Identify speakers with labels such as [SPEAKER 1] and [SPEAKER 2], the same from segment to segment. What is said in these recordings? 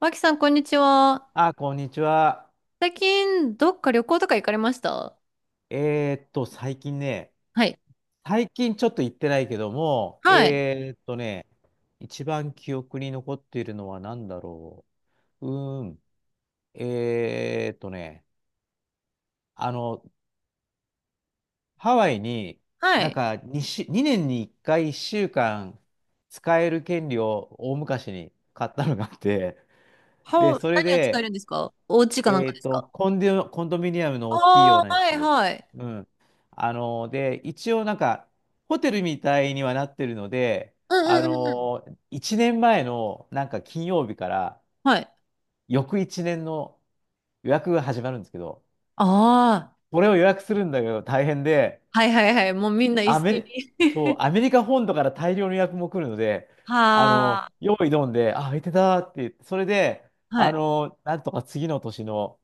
[SPEAKER 1] マキさん、こんにちは。
[SPEAKER 2] あ、こんにちは。
[SPEAKER 1] 最近、どっか旅行とか行かれました？
[SPEAKER 2] えーっと、最近ね、
[SPEAKER 1] はい。
[SPEAKER 2] 最近ちょっと行ってないけども、
[SPEAKER 1] はい。
[SPEAKER 2] 一番記憶に残っているのは何だろう。うーん。えーっとね、あの、ハワイに、
[SPEAKER 1] は
[SPEAKER 2] なん
[SPEAKER 1] い。
[SPEAKER 2] か2、2年に1回1週間使える権利を大昔に買ったのがあって、で、
[SPEAKER 1] は、
[SPEAKER 2] それ
[SPEAKER 1] 何を使え
[SPEAKER 2] で、
[SPEAKER 1] るんですか？お家かなんかですか？
[SPEAKER 2] コンドミニアムの大きいよう
[SPEAKER 1] ああ
[SPEAKER 2] な
[SPEAKER 1] ー、
[SPEAKER 2] や
[SPEAKER 1] はい、
[SPEAKER 2] つ。
[SPEAKER 1] はい。
[SPEAKER 2] うん。で、一応ホテルみたいにはなってるので、
[SPEAKER 1] うんうんうんうん。
[SPEAKER 2] 1年前の金曜日から、
[SPEAKER 1] はい。
[SPEAKER 2] 翌1年の予約が始まるんですけど、
[SPEAKER 1] ああ、
[SPEAKER 2] これを予約するんだけど大変で、
[SPEAKER 1] はいはいはい。もうみんな一
[SPEAKER 2] アメ
[SPEAKER 1] 斉に。
[SPEAKER 2] リ、そう、アメリカ本土から大量の予約も来るので、
[SPEAKER 1] はあ、
[SPEAKER 2] 用意どんで、あ、空いてたって言って、それで、
[SPEAKER 1] はい。
[SPEAKER 2] なんとか次の年の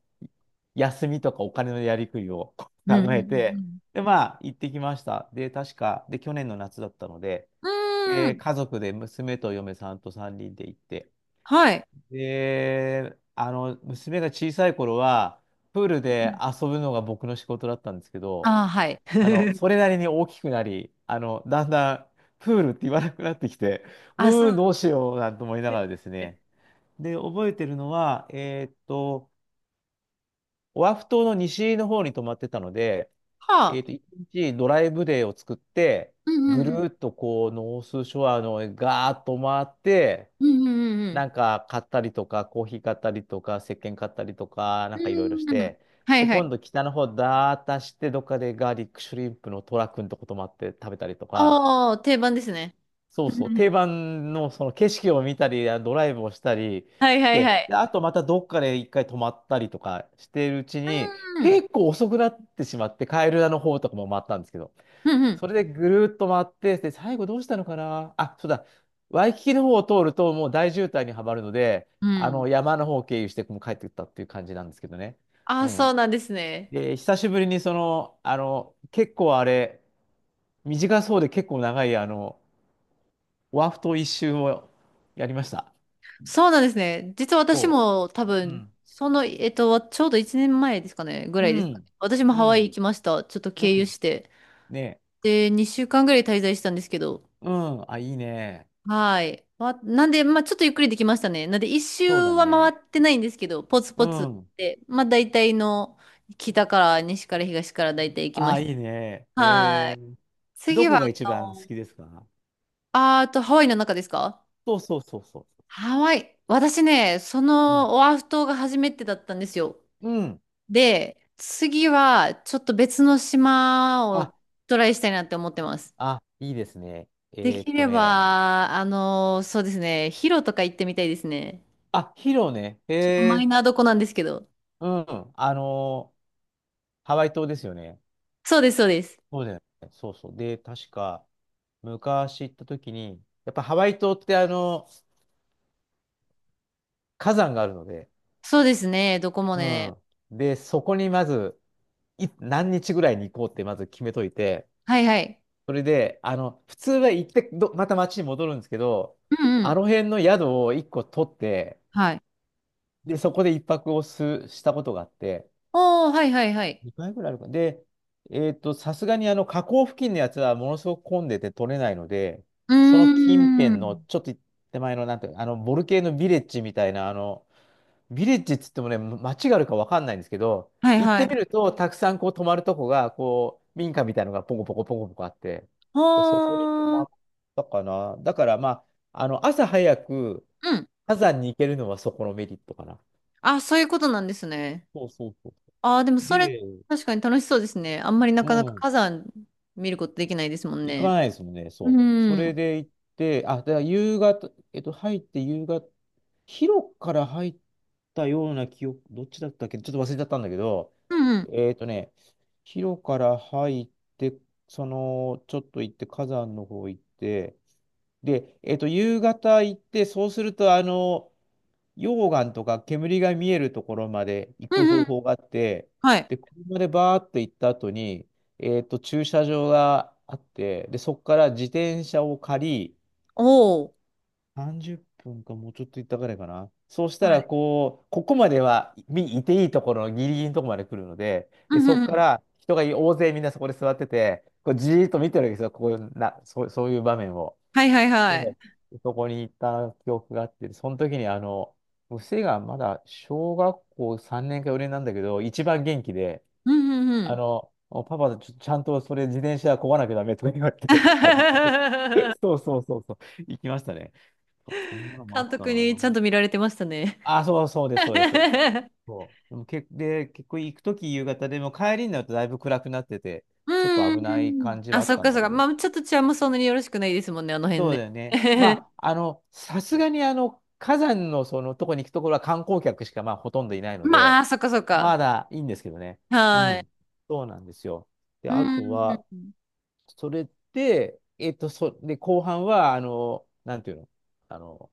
[SPEAKER 2] 休みとかお金のやりくりを
[SPEAKER 1] うんう
[SPEAKER 2] 考えて、
[SPEAKER 1] ん
[SPEAKER 2] で、まあ、行ってきました。で、確か、去年の夏だったので、
[SPEAKER 1] うんうん。うー
[SPEAKER 2] で、
[SPEAKER 1] ん。
[SPEAKER 2] 家族で娘と嫁さんと3人で行って、
[SPEAKER 1] はい。
[SPEAKER 2] で、娘が小さい頃は、プールで遊ぶのが僕の仕事だったんですけど、
[SPEAKER 1] ああ、はい。
[SPEAKER 2] それなりに大きくなり、だんだんプールって言わなくなってきて、
[SPEAKER 1] あ、そう。
[SPEAKER 2] どうしようなんて思いながらですね。で、覚えてるのは、オアフ島の西の方に泊まってたので、
[SPEAKER 1] はあ。
[SPEAKER 2] 1日ドライブデーを作って、
[SPEAKER 1] うんう
[SPEAKER 2] ぐ
[SPEAKER 1] んう
[SPEAKER 2] る
[SPEAKER 1] ん。
[SPEAKER 2] ーっとこう、ノースショアのガーッと回って、
[SPEAKER 1] うんうんう
[SPEAKER 2] な
[SPEAKER 1] ん
[SPEAKER 2] んか買ったりとか、コーヒー買ったりとか、石鹸買ったりとか、な
[SPEAKER 1] う
[SPEAKER 2] んかいろいろし
[SPEAKER 1] ん。うん。
[SPEAKER 2] て、
[SPEAKER 1] はい
[SPEAKER 2] で、
[SPEAKER 1] は
[SPEAKER 2] 今
[SPEAKER 1] い。
[SPEAKER 2] 度北の方だーっとて、どっかでガーリックシュリンプのトラ君とこともあって食べたりとか、
[SPEAKER 1] ああ、定番ですね。
[SPEAKER 2] そうそう、定番のその景色を見たり、あドライブをしたり
[SPEAKER 1] はい
[SPEAKER 2] し
[SPEAKER 1] はいは
[SPEAKER 2] て、
[SPEAKER 1] い。
[SPEAKER 2] で、あとまたどっかで一回泊まったりとかしているうちに、
[SPEAKER 1] うん。
[SPEAKER 2] 結構遅くなってしまって、カエルラの方とかも回ったんですけど、
[SPEAKER 1] うんう
[SPEAKER 2] そ
[SPEAKER 1] ん。
[SPEAKER 2] れでぐるーっと回って、で、最後どうしたのかなあ、そうだ、ワイキキの方を通るともう大渋滞にはまるので、
[SPEAKER 1] う
[SPEAKER 2] あ
[SPEAKER 1] ん。
[SPEAKER 2] の山の方を経由してもう帰ってきたっていう感じなんですけどね。
[SPEAKER 1] あ
[SPEAKER 2] う
[SPEAKER 1] あ、そ
[SPEAKER 2] ん。
[SPEAKER 1] うなんですね。
[SPEAKER 2] で、久しぶりにその、結構あれ、短そうで結構長い、ワフト一周をやりました。
[SPEAKER 1] そうなんですね。実は私
[SPEAKER 2] そ
[SPEAKER 1] も多
[SPEAKER 2] う
[SPEAKER 1] 分、
[SPEAKER 2] ん。
[SPEAKER 1] その、ちょうど1年前ですかね、ぐ
[SPEAKER 2] う
[SPEAKER 1] らいですかね。
[SPEAKER 2] ん。
[SPEAKER 1] 私も
[SPEAKER 2] う
[SPEAKER 1] ハワイ行
[SPEAKER 2] ん。
[SPEAKER 1] きました。ちょっと
[SPEAKER 2] うん。う
[SPEAKER 1] 経由
[SPEAKER 2] ん。
[SPEAKER 1] して。
[SPEAKER 2] ねえ。
[SPEAKER 1] で、2週間ぐらい滞在したんですけど。
[SPEAKER 2] うん。あ、いいね。
[SPEAKER 1] はい。わなんで、まあちょっとゆっくりできましたね。なんで、一周
[SPEAKER 2] そうだ
[SPEAKER 1] は回っ
[SPEAKER 2] ね。
[SPEAKER 1] てないんですけど、ポツ
[SPEAKER 2] う
[SPEAKER 1] ポツ
[SPEAKER 2] ん。
[SPEAKER 1] で、まあ大体の北から西から東から大体行きま
[SPEAKER 2] あ、
[SPEAKER 1] し
[SPEAKER 2] い
[SPEAKER 1] た。
[SPEAKER 2] いね。へ
[SPEAKER 1] は
[SPEAKER 2] え。
[SPEAKER 1] い。
[SPEAKER 2] ど
[SPEAKER 1] 次は、
[SPEAKER 2] こ
[SPEAKER 1] あ
[SPEAKER 2] が一番好
[SPEAKER 1] の、
[SPEAKER 2] きですか？
[SPEAKER 1] あーあとハワイの中ですか？
[SPEAKER 2] そうそうそうそ
[SPEAKER 1] ハワイ。私ね、そ
[SPEAKER 2] う。うん。
[SPEAKER 1] のオアフ島が初めてだったんですよ。
[SPEAKER 2] うん。
[SPEAKER 1] で、次はちょっと別の島
[SPEAKER 2] あ、
[SPEAKER 1] をトライしたいなって思ってます。
[SPEAKER 2] あ、いいですね。
[SPEAKER 1] で
[SPEAKER 2] えーっ
[SPEAKER 1] き
[SPEAKER 2] と
[SPEAKER 1] れ
[SPEAKER 2] ね。
[SPEAKER 1] ば、あの、そうですね、ヒロとか行ってみたいですね。
[SPEAKER 2] あ、ヒロね。へ
[SPEAKER 1] ちょっとマイ
[SPEAKER 2] え。
[SPEAKER 1] ナーどこなんですけど。
[SPEAKER 2] うん。ハワイ島ですよね。
[SPEAKER 1] そうです、そうです。
[SPEAKER 2] そうだよね。そうそう。で、確か、昔行った時に、やっぱハワイ島って火山があるので、
[SPEAKER 1] そうですね、どこも
[SPEAKER 2] う
[SPEAKER 1] ね。
[SPEAKER 2] ん。で、そこにまず、何日ぐらいに行こうってまず決めといて、
[SPEAKER 1] はいはい。
[SPEAKER 2] それで、普通は行ってど、また町に戻るんですけど、
[SPEAKER 1] うんう
[SPEAKER 2] あ
[SPEAKER 1] ん。
[SPEAKER 2] の辺の宿を1個取って、
[SPEAKER 1] はい。
[SPEAKER 2] で、そこで一泊をしたことがあって、
[SPEAKER 1] おー、はいはいはい。
[SPEAKER 2] 2回ぐらいあるか。で、さすがに河口付近のやつはものすごく混んでて取れないので、
[SPEAKER 1] うー
[SPEAKER 2] その近辺の
[SPEAKER 1] ん。
[SPEAKER 2] ちょっと手前の、なんていうのボルケーノビレッジみたいな、ビレッジっつってもね、ま街があるかわかんないんですけど、
[SPEAKER 1] はい
[SPEAKER 2] 行っ
[SPEAKER 1] は
[SPEAKER 2] てみ
[SPEAKER 1] い。
[SPEAKER 2] ると、たくさんこう泊まるとこが、こう、民家みたいのがポコポコポコポコあって、で、そこに泊
[SPEAKER 1] ほー
[SPEAKER 2] ま
[SPEAKER 1] ん。
[SPEAKER 2] ったかな。だからまあ、朝早く
[SPEAKER 1] うん。
[SPEAKER 2] 火山に行けるのはそこのメリットかな。
[SPEAKER 1] あ、そういうことなんですね。
[SPEAKER 2] そうそうそ
[SPEAKER 1] ああ、でも
[SPEAKER 2] う。
[SPEAKER 1] それ
[SPEAKER 2] で、
[SPEAKER 1] 確かに楽しそうですね。あんまりな
[SPEAKER 2] う
[SPEAKER 1] かなか
[SPEAKER 2] ん、
[SPEAKER 1] 火山見ることできないですもん
[SPEAKER 2] 行か
[SPEAKER 1] ね。
[SPEAKER 2] ないですもんね、
[SPEAKER 1] う
[SPEAKER 2] そ
[SPEAKER 1] ん。
[SPEAKER 2] う。そ
[SPEAKER 1] う
[SPEAKER 2] れ
[SPEAKER 1] ん
[SPEAKER 2] で行って、あ、だから夕方、入って夕方、広くから入ったような記憶、どっちだったっけ、ちょっと忘れちゃったんだけど、
[SPEAKER 1] うん。
[SPEAKER 2] えーとね、広から入って、その、ちょっと行って、火山の方行って、で、夕方行って、そうすると、溶岩とか煙が見えるところまで行
[SPEAKER 1] う
[SPEAKER 2] く
[SPEAKER 1] んうん。
[SPEAKER 2] 方法があって、
[SPEAKER 1] はい。
[SPEAKER 2] で、車でバーって行った後に、駐車場があって、で、そこから自転車を借り、
[SPEAKER 1] おお。
[SPEAKER 2] 30分かもうちょっと行ったぐらいかな。そうした
[SPEAKER 1] は
[SPEAKER 2] ら、
[SPEAKER 1] い。
[SPEAKER 2] こう、ここまではみいていいところのギリギリのところまで来るので、
[SPEAKER 1] う
[SPEAKER 2] で、
[SPEAKER 1] んう
[SPEAKER 2] そ
[SPEAKER 1] ん
[SPEAKER 2] こ
[SPEAKER 1] う
[SPEAKER 2] か
[SPEAKER 1] ん。
[SPEAKER 2] ら人が大勢みんなそこで座ってて、こうじーっと見てるわけですよ、こういうな、そう、そういう場面を。
[SPEAKER 1] はいはい
[SPEAKER 2] で、
[SPEAKER 1] はい。
[SPEAKER 2] そこに行った記憶があって、その時に娘がまだ小学校3年か4年なんだけど、一番元気で、
[SPEAKER 1] うんうんうん。
[SPEAKER 2] パパ、ちゃんとそれ自転車こがなきゃダメとか言われて、はい。そうそうそうそう、行きましたね。そんなのもあっ
[SPEAKER 1] 監
[SPEAKER 2] た
[SPEAKER 1] 督に
[SPEAKER 2] な。
[SPEAKER 1] ちゃんと見られてましたね。
[SPEAKER 2] あ、そうそうです、そうです、そうです。そうでもけ、で、結構行くとき夕方でも帰りになるとだいぶ暗くなってて、
[SPEAKER 1] う
[SPEAKER 2] ちょっと
[SPEAKER 1] んうん
[SPEAKER 2] 危ない
[SPEAKER 1] うん。
[SPEAKER 2] 感 じ
[SPEAKER 1] あ、
[SPEAKER 2] はあっ
[SPEAKER 1] そっ
[SPEAKER 2] たん
[SPEAKER 1] かそ
[SPEAKER 2] だ
[SPEAKER 1] っ
[SPEAKER 2] け
[SPEAKER 1] か。
[SPEAKER 2] ど。
[SPEAKER 1] まあちょっと治安もそんなによろしくないですもんね、あの辺
[SPEAKER 2] そう
[SPEAKER 1] ね。
[SPEAKER 2] だよね。ま あ、さすがに火山のそのとこに行くところは観光客しかまあほとんどいないの
[SPEAKER 1] ま
[SPEAKER 2] で、
[SPEAKER 1] あ、そっかそっか。
[SPEAKER 2] まだいいんですけどね。う
[SPEAKER 1] はい。
[SPEAKER 2] ん。そうなんですよ。で、
[SPEAKER 1] う
[SPEAKER 2] あと
[SPEAKER 1] んうん
[SPEAKER 2] は、
[SPEAKER 1] うん。
[SPEAKER 2] それで、で、後半は、なんていうの、あの、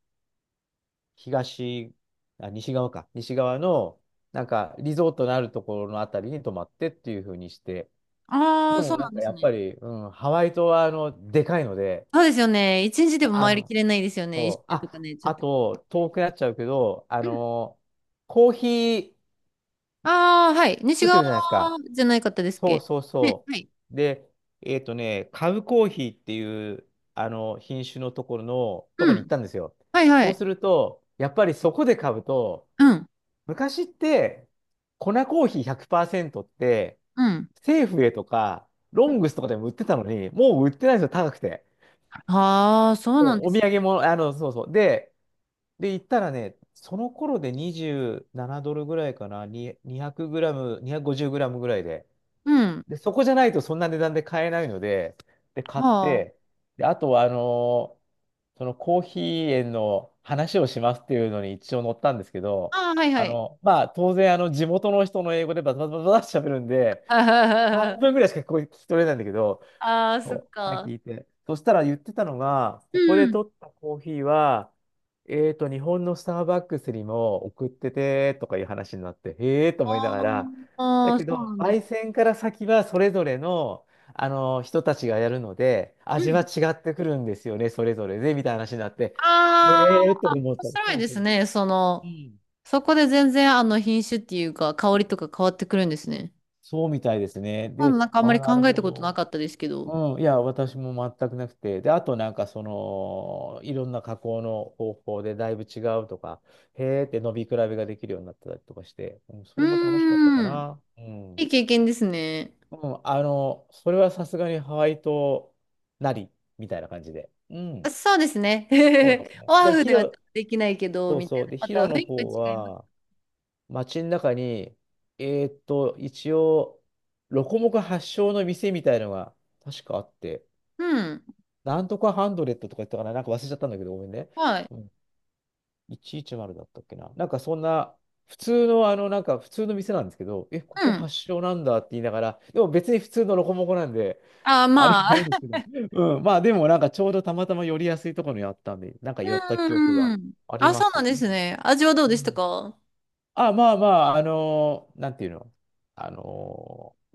[SPEAKER 2] 東、西側か。西側の、なんか、リゾートのあるところのあたりに泊まってっていう風にして。
[SPEAKER 1] あ
[SPEAKER 2] で
[SPEAKER 1] あ、そ
[SPEAKER 2] も、
[SPEAKER 1] う
[SPEAKER 2] な
[SPEAKER 1] な
[SPEAKER 2] ん
[SPEAKER 1] んで
[SPEAKER 2] か、
[SPEAKER 1] す
[SPEAKER 2] やっ
[SPEAKER 1] ね。
[SPEAKER 2] ぱり、うん、ハワイ島は、でかいので、
[SPEAKER 1] そうですよね。一日でも
[SPEAKER 2] あ
[SPEAKER 1] 回りき
[SPEAKER 2] の、
[SPEAKER 1] れないですよね。一
[SPEAKER 2] そう。
[SPEAKER 1] 周とか
[SPEAKER 2] あ、
[SPEAKER 1] ね、ちょっ
[SPEAKER 2] あ
[SPEAKER 1] と。
[SPEAKER 2] と、遠くなっちゃうけど、コーヒー
[SPEAKER 1] ああー、はい。西
[SPEAKER 2] 作って
[SPEAKER 1] 側
[SPEAKER 2] るじゃないですか。
[SPEAKER 1] じゃないかったですっ
[SPEAKER 2] そう
[SPEAKER 1] け？
[SPEAKER 2] そう
[SPEAKER 1] ね、
[SPEAKER 2] そ
[SPEAKER 1] はい。
[SPEAKER 2] う。で、カブコーヒーっていう、品種のところの、と
[SPEAKER 1] う
[SPEAKER 2] こに行っ
[SPEAKER 1] ん。
[SPEAKER 2] たんですよ。
[SPEAKER 1] はいは
[SPEAKER 2] そうす
[SPEAKER 1] い。
[SPEAKER 2] ると、やっぱりそこで買うと、
[SPEAKER 1] うん。
[SPEAKER 2] 昔って、粉コーヒー100%って、
[SPEAKER 1] うん。
[SPEAKER 2] セーフウェイとか、ロングスとかでも売ってたのに、もう売ってないんですよ、高くて。
[SPEAKER 1] ああ、そうなんで
[SPEAKER 2] お土
[SPEAKER 1] すね。
[SPEAKER 2] 産も、そうそう。で、行ったらね、その頃で27ドルぐらいかな、に200グラム、250グラムぐらいで、
[SPEAKER 1] うん。
[SPEAKER 2] で、そこじゃないとそんな値段で買えないので、で、買っ
[SPEAKER 1] はあ。
[SPEAKER 2] て、で、あとは、そのコーヒー園の話をしますっていうのに一応載ったんですけど、
[SPEAKER 1] ああ、はいはい。
[SPEAKER 2] まあ、当然、地元の人の英語でバタバタバタって喋るんで、半分ぐらいしか聞こえ聞き取れないんだけど、
[SPEAKER 1] ああ、そっ
[SPEAKER 2] そうあ、
[SPEAKER 1] か。
[SPEAKER 2] 聞いて。そしたら言ってたのが、
[SPEAKER 1] う
[SPEAKER 2] ここで
[SPEAKER 1] ん。
[SPEAKER 2] 取ったコーヒーは、日本のスターバックスにも送っててとかいう話になって、へえーと
[SPEAKER 1] あ
[SPEAKER 2] 思いながら、
[SPEAKER 1] ー
[SPEAKER 2] だ
[SPEAKER 1] あー、
[SPEAKER 2] け
[SPEAKER 1] そう
[SPEAKER 2] ど、
[SPEAKER 1] なんです。
[SPEAKER 2] 焙煎から先はそれぞれの、あの人たちがやるので、
[SPEAKER 1] う
[SPEAKER 2] 味は
[SPEAKER 1] ん。
[SPEAKER 2] 違ってくるんですよね、それぞれで、みたいな話になって、へ
[SPEAKER 1] あ
[SPEAKER 2] えーと
[SPEAKER 1] あ、
[SPEAKER 2] 思っ
[SPEAKER 1] 面
[SPEAKER 2] たら、
[SPEAKER 1] 白
[SPEAKER 2] そ
[SPEAKER 1] い
[SPEAKER 2] う
[SPEAKER 1] で
[SPEAKER 2] そ
[SPEAKER 1] す
[SPEAKER 2] う。
[SPEAKER 1] ね。そ
[SPEAKER 2] う
[SPEAKER 1] の、
[SPEAKER 2] ん
[SPEAKER 1] そこで全然あの品種っていうか、香りとか変わってくるんですね。
[SPEAKER 2] そうみたいですね。
[SPEAKER 1] まだ
[SPEAKER 2] で、
[SPEAKER 1] なんかあんま
[SPEAKER 2] ああ、
[SPEAKER 1] り
[SPEAKER 2] なる
[SPEAKER 1] 考えた
[SPEAKER 2] ほ
[SPEAKER 1] ことなかったですけど。
[SPEAKER 2] ど。うん、いや、私も全くなくて。で、あとなんかその、いろんな加工の方法でだいぶ違うとか、へーって伸び比べができるようになったりとかして、うん、そ
[SPEAKER 1] う
[SPEAKER 2] れも楽しかったか
[SPEAKER 1] ーん。
[SPEAKER 2] な。う
[SPEAKER 1] い
[SPEAKER 2] ん。
[SPEAKER 1] い経験ですね。
[SPEAKER 2] うん、それはさすがにハワイ島なり、みたいな感じで。うん、
[SPEAKER 1] あそうですね。
[SPEAKER 2] そうです ね。
[SPEAKER 1] オア
[SPEAKER 2] で、
[SPEAKER 1] フ
[SPEAKER 2] ヒ
[SPEAKER 1] ではちょっ
[SPEAKER 2] ロ、
[SPEAKER 1] とできないけど、
[SPEAKER 2] そう
[SPEAKER 1] みた
[SPEAKER 2] そ
[SPEAKER 1] い
[SPEAKER 2] う。
[SPEAKER 1] な。
[SPEAKER 2] で、
[SPEAKER 1] ま
[SPEAKER 2] ヒ
[SPEAKER 1] た
[SPEAKER 2] ロ
[SPEAKER 1] 雰
[SPEAKER 2] の
[SPEAKER 1] 囲気が
[SPEAKER 2] 方
[SPEAKER 1] 違います。
[SPEAKER 2] は、街の中に、一応、ロコモコ発祥の店みたいのが確かあって、
[SPEAKER 1] うん。
[SPEAKER 2] なんとかハンドレットとか言ったかな、なんか忘れちゃったんだけど、ごめんね。
[SPEAKER 1] はい。
[SPEAKER 2] うん、110だったっけな。なんかそんな、普通の、なんか普通の店なんですけど、え、こ
[SPEAKER 1] う
[SPEAKER 2] こ
[SPEAKER 1] ん。
[SPEAKER 2] 発祥なんだって言いながら、でも別に普通のロコモコなんで、
[SPEAKER 1] あ、
[SPEAKER 2] あれ
[SPEAKER 1] ま
[SPEAKER 2] ないん
[SPEAKER 1] あ。
[SPEAKER 2] ですけど、うん、まあでもなんかちょうどたまたま寄りやすいところにあったんで、なん か寄った記憶が
[SPEAKER 1] うん。
[SPEAKER 2] あり
[SPEAKER 1] あ、
[SPEAKER 2] ま
[SPEAKER 1] そう
[SPEAKER 2] す。
[SPEAKER 1] なん
[SPEAKER 2] う
[SPEAKER 1] です
[SPEAKER 2] ん。
[SPEAKER 1] ね。味はどう
[SPEAKER 2] う
[SPEAKER 1] でした
[SPEAKER 2] ん、
[SPEAKER 1] か？
[SPEAKER 2] あ、まあまあ、なんていうの、あのー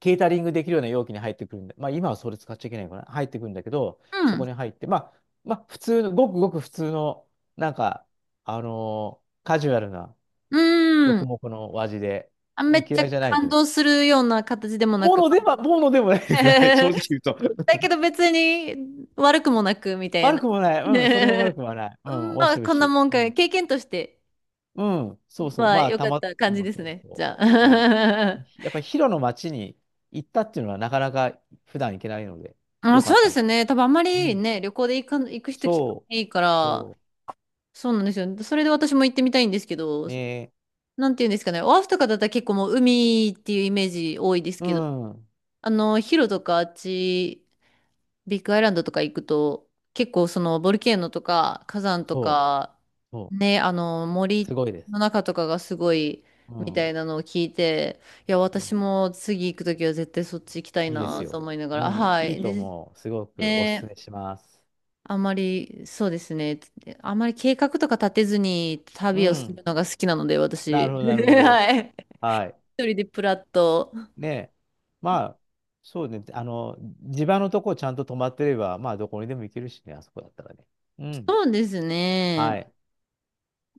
[SPEAKER 2] ケータリングできるような容器に入ってくるんで、まあ今はそれ使っちゃいけないのかな、入ってくるんだけど、
[SPEAKER 1] う
[SPEAKER 2] そこ
[SPEAKER 1] ん。
[SPEAKER 2] に入って、まあ、普通の、ごくごく普通の、なんか、カジュアルな、
[SPEAKER 1] う
[SPEAKER 2] ロコ
[SPEAKER 1] ん。
[SPEAKER 2] モコのお味で、
[SPEAKER 1] あ、
[SPEAKER 2] う
[SPEAKER 1] め
[SPEAKER 2] ん、
[SPEAKER 1] っちゃ
[SPEAKER 2] 嫌いじゃないです
[SPEAKER 1] 感
[SPEAKER 2] ね。
[SPEAKER 1] 動するような形でもなく。
[SPEAKER 2] ものでもないです。はい、正直 言うと。
[SPEAKER 1] だけど 別に悪くもなく、みたい
[SPEAKER 2] 悪
[SPEAKER 1] な。
[SPEAKER 2] くもない。うん、それは悪 くはない。う
[SPEAKER 1] う
[SPEAKER 2] ん、
[SPEAKER 1] ん
[SPEAKER 2] 美味
[SPEAKER 1] ま
[SPEAKER 2] しい
[SPEAKER 1] あ、
[SPEAKER 2] 美
[SPEAKER 1] こ
[SPEAKER 2] 味
[SPEAKER 1] ん
[SPEAKER 2] し
[SPEAKER 1] なもんか。
[SPEAKER 2] い。
[SPEAKER 1] 経験として。
[SPEAKER 2] うん、うん、そうそう。
[SPEAKER 1] まあ、
[SPEAKER 2] まあ、
[SPEAKER 1] よかった
[SPEAKER 2] そ
[SPEAKER 1] 感じ
[SPEAKER 2] う
[SPEAKER 1] で
[SPEAKER 2] そ
[SPEAKER 1] す
[SPEAKER 2] う
[SPEAKER 1] ね。じ
[SPEAKER 2] そ
[SPEAKER 1] ゃ
[SPEAKER 2] う。うん、
[SPEAKER 1] あ。
[SPEAKER 2] やっぱりヒロの街に行ったっていうのはなかなか普段行けないので、
[SPEAKER 1] あ、
[SPEAKER 2] よか
[SPEAKER 1] そ
[SPEAKER 2] っ
[SPEAKER 1] うで
[SPEAKER 2] た
[SPEAKER 1] す
[SPEAKER 2] な。
[SPEAKER 1] ね。多分あんま
[SPEAKER 2] う
[SPEAKER 1] り
[SPEAKER 2] ん、
[SPEAKER 1] ね、旅行で行か、行く人聞か
[SPEAKER 2] そ
[SPEAKER 1] ないか
[SPEAKER 2] う。
[SPEAKER 1] ら、
[SPEAKER 2] そ
[SPEAKER 1] そうなんですよ。それで私も行ってみたいんですけど、
[SPEAKER 2] う。ね
[SPEAKER 1] なんていうんですかね。オアフとかだったら結構もう海っていうイメージ多いです
[SPEAKER 2] う
[SPEAKER 1] けど、
[SPEAKER 2] ん。
[SPEAKER 1] あの、ヒロとかあっちビッグアイランドとか行くと、結構そのボルケーノとか火山と
[SPEAKER 2] そう。
[SPEAKER 1] か、
[SPEAKER 2] そ
[SPEAKER 1] ね、あの
[SPEAKER 2] う。す
[SPEAKER 1] 森
[SPEAKER 2] ごいです。
[SPEAKER 1] の中とかがすごい
[SPEAKER 2] う
[SPEAKER 1] み
[SPEAKER 2] ん。
[SPEAKER 1] た
[SPEAKER 2] う
[SPEAKER 1] いなのを聞いて、いや、私
[SPEAKER 2] ん、
[SPEAKER 1] も次行くときは絶対そっち行きたい
[SPEAKER 2] いいです
[SPEAKER 1] なと
[SPEAKER 2] よ。
[SPEAKER 1] 思いなが
[SPEAKER 2] う
[SPEAKER 1] ら、
[SPEAKER 2] ん。
[SPEAKER 1] は
[SPEAKER 2] いい
[SPEAKER 1] い。
[SPEAKER 2] と
[SPEAKER 1] で、
[SPEAKER 2] 思う。すごくおすす
[SPEAKER 1] ね、
[SPEAKER 2] めします。
[SPEAKER 1] あまり、そうですね、あまり計画とか立てずに
[SPEAKER 2] う
[SPEAKER 1] 旅をす
[SPEAKER 2] ん。
[SPEAKER 1] るのが好きなので、
[SPEAKER 2] な
[SPEAKER 1] 私。
[SPEAKER 2] るほど、なる ほど。
[SPEAKER 1] はい。
[SPEAKER 2] はい。
[SPEAKER 1] 一人でプラッと。
[SPEAKER 2] ねまあ、そうね。地場のとこちゃんと止まってれば、まあ、どこにでも行けるしね、あそこだったらね。うん。
[SPEAKER 1] そうです
[SPEAKER 2] は
[SPEAKER 1] ね。
[SPEAKER 2] い。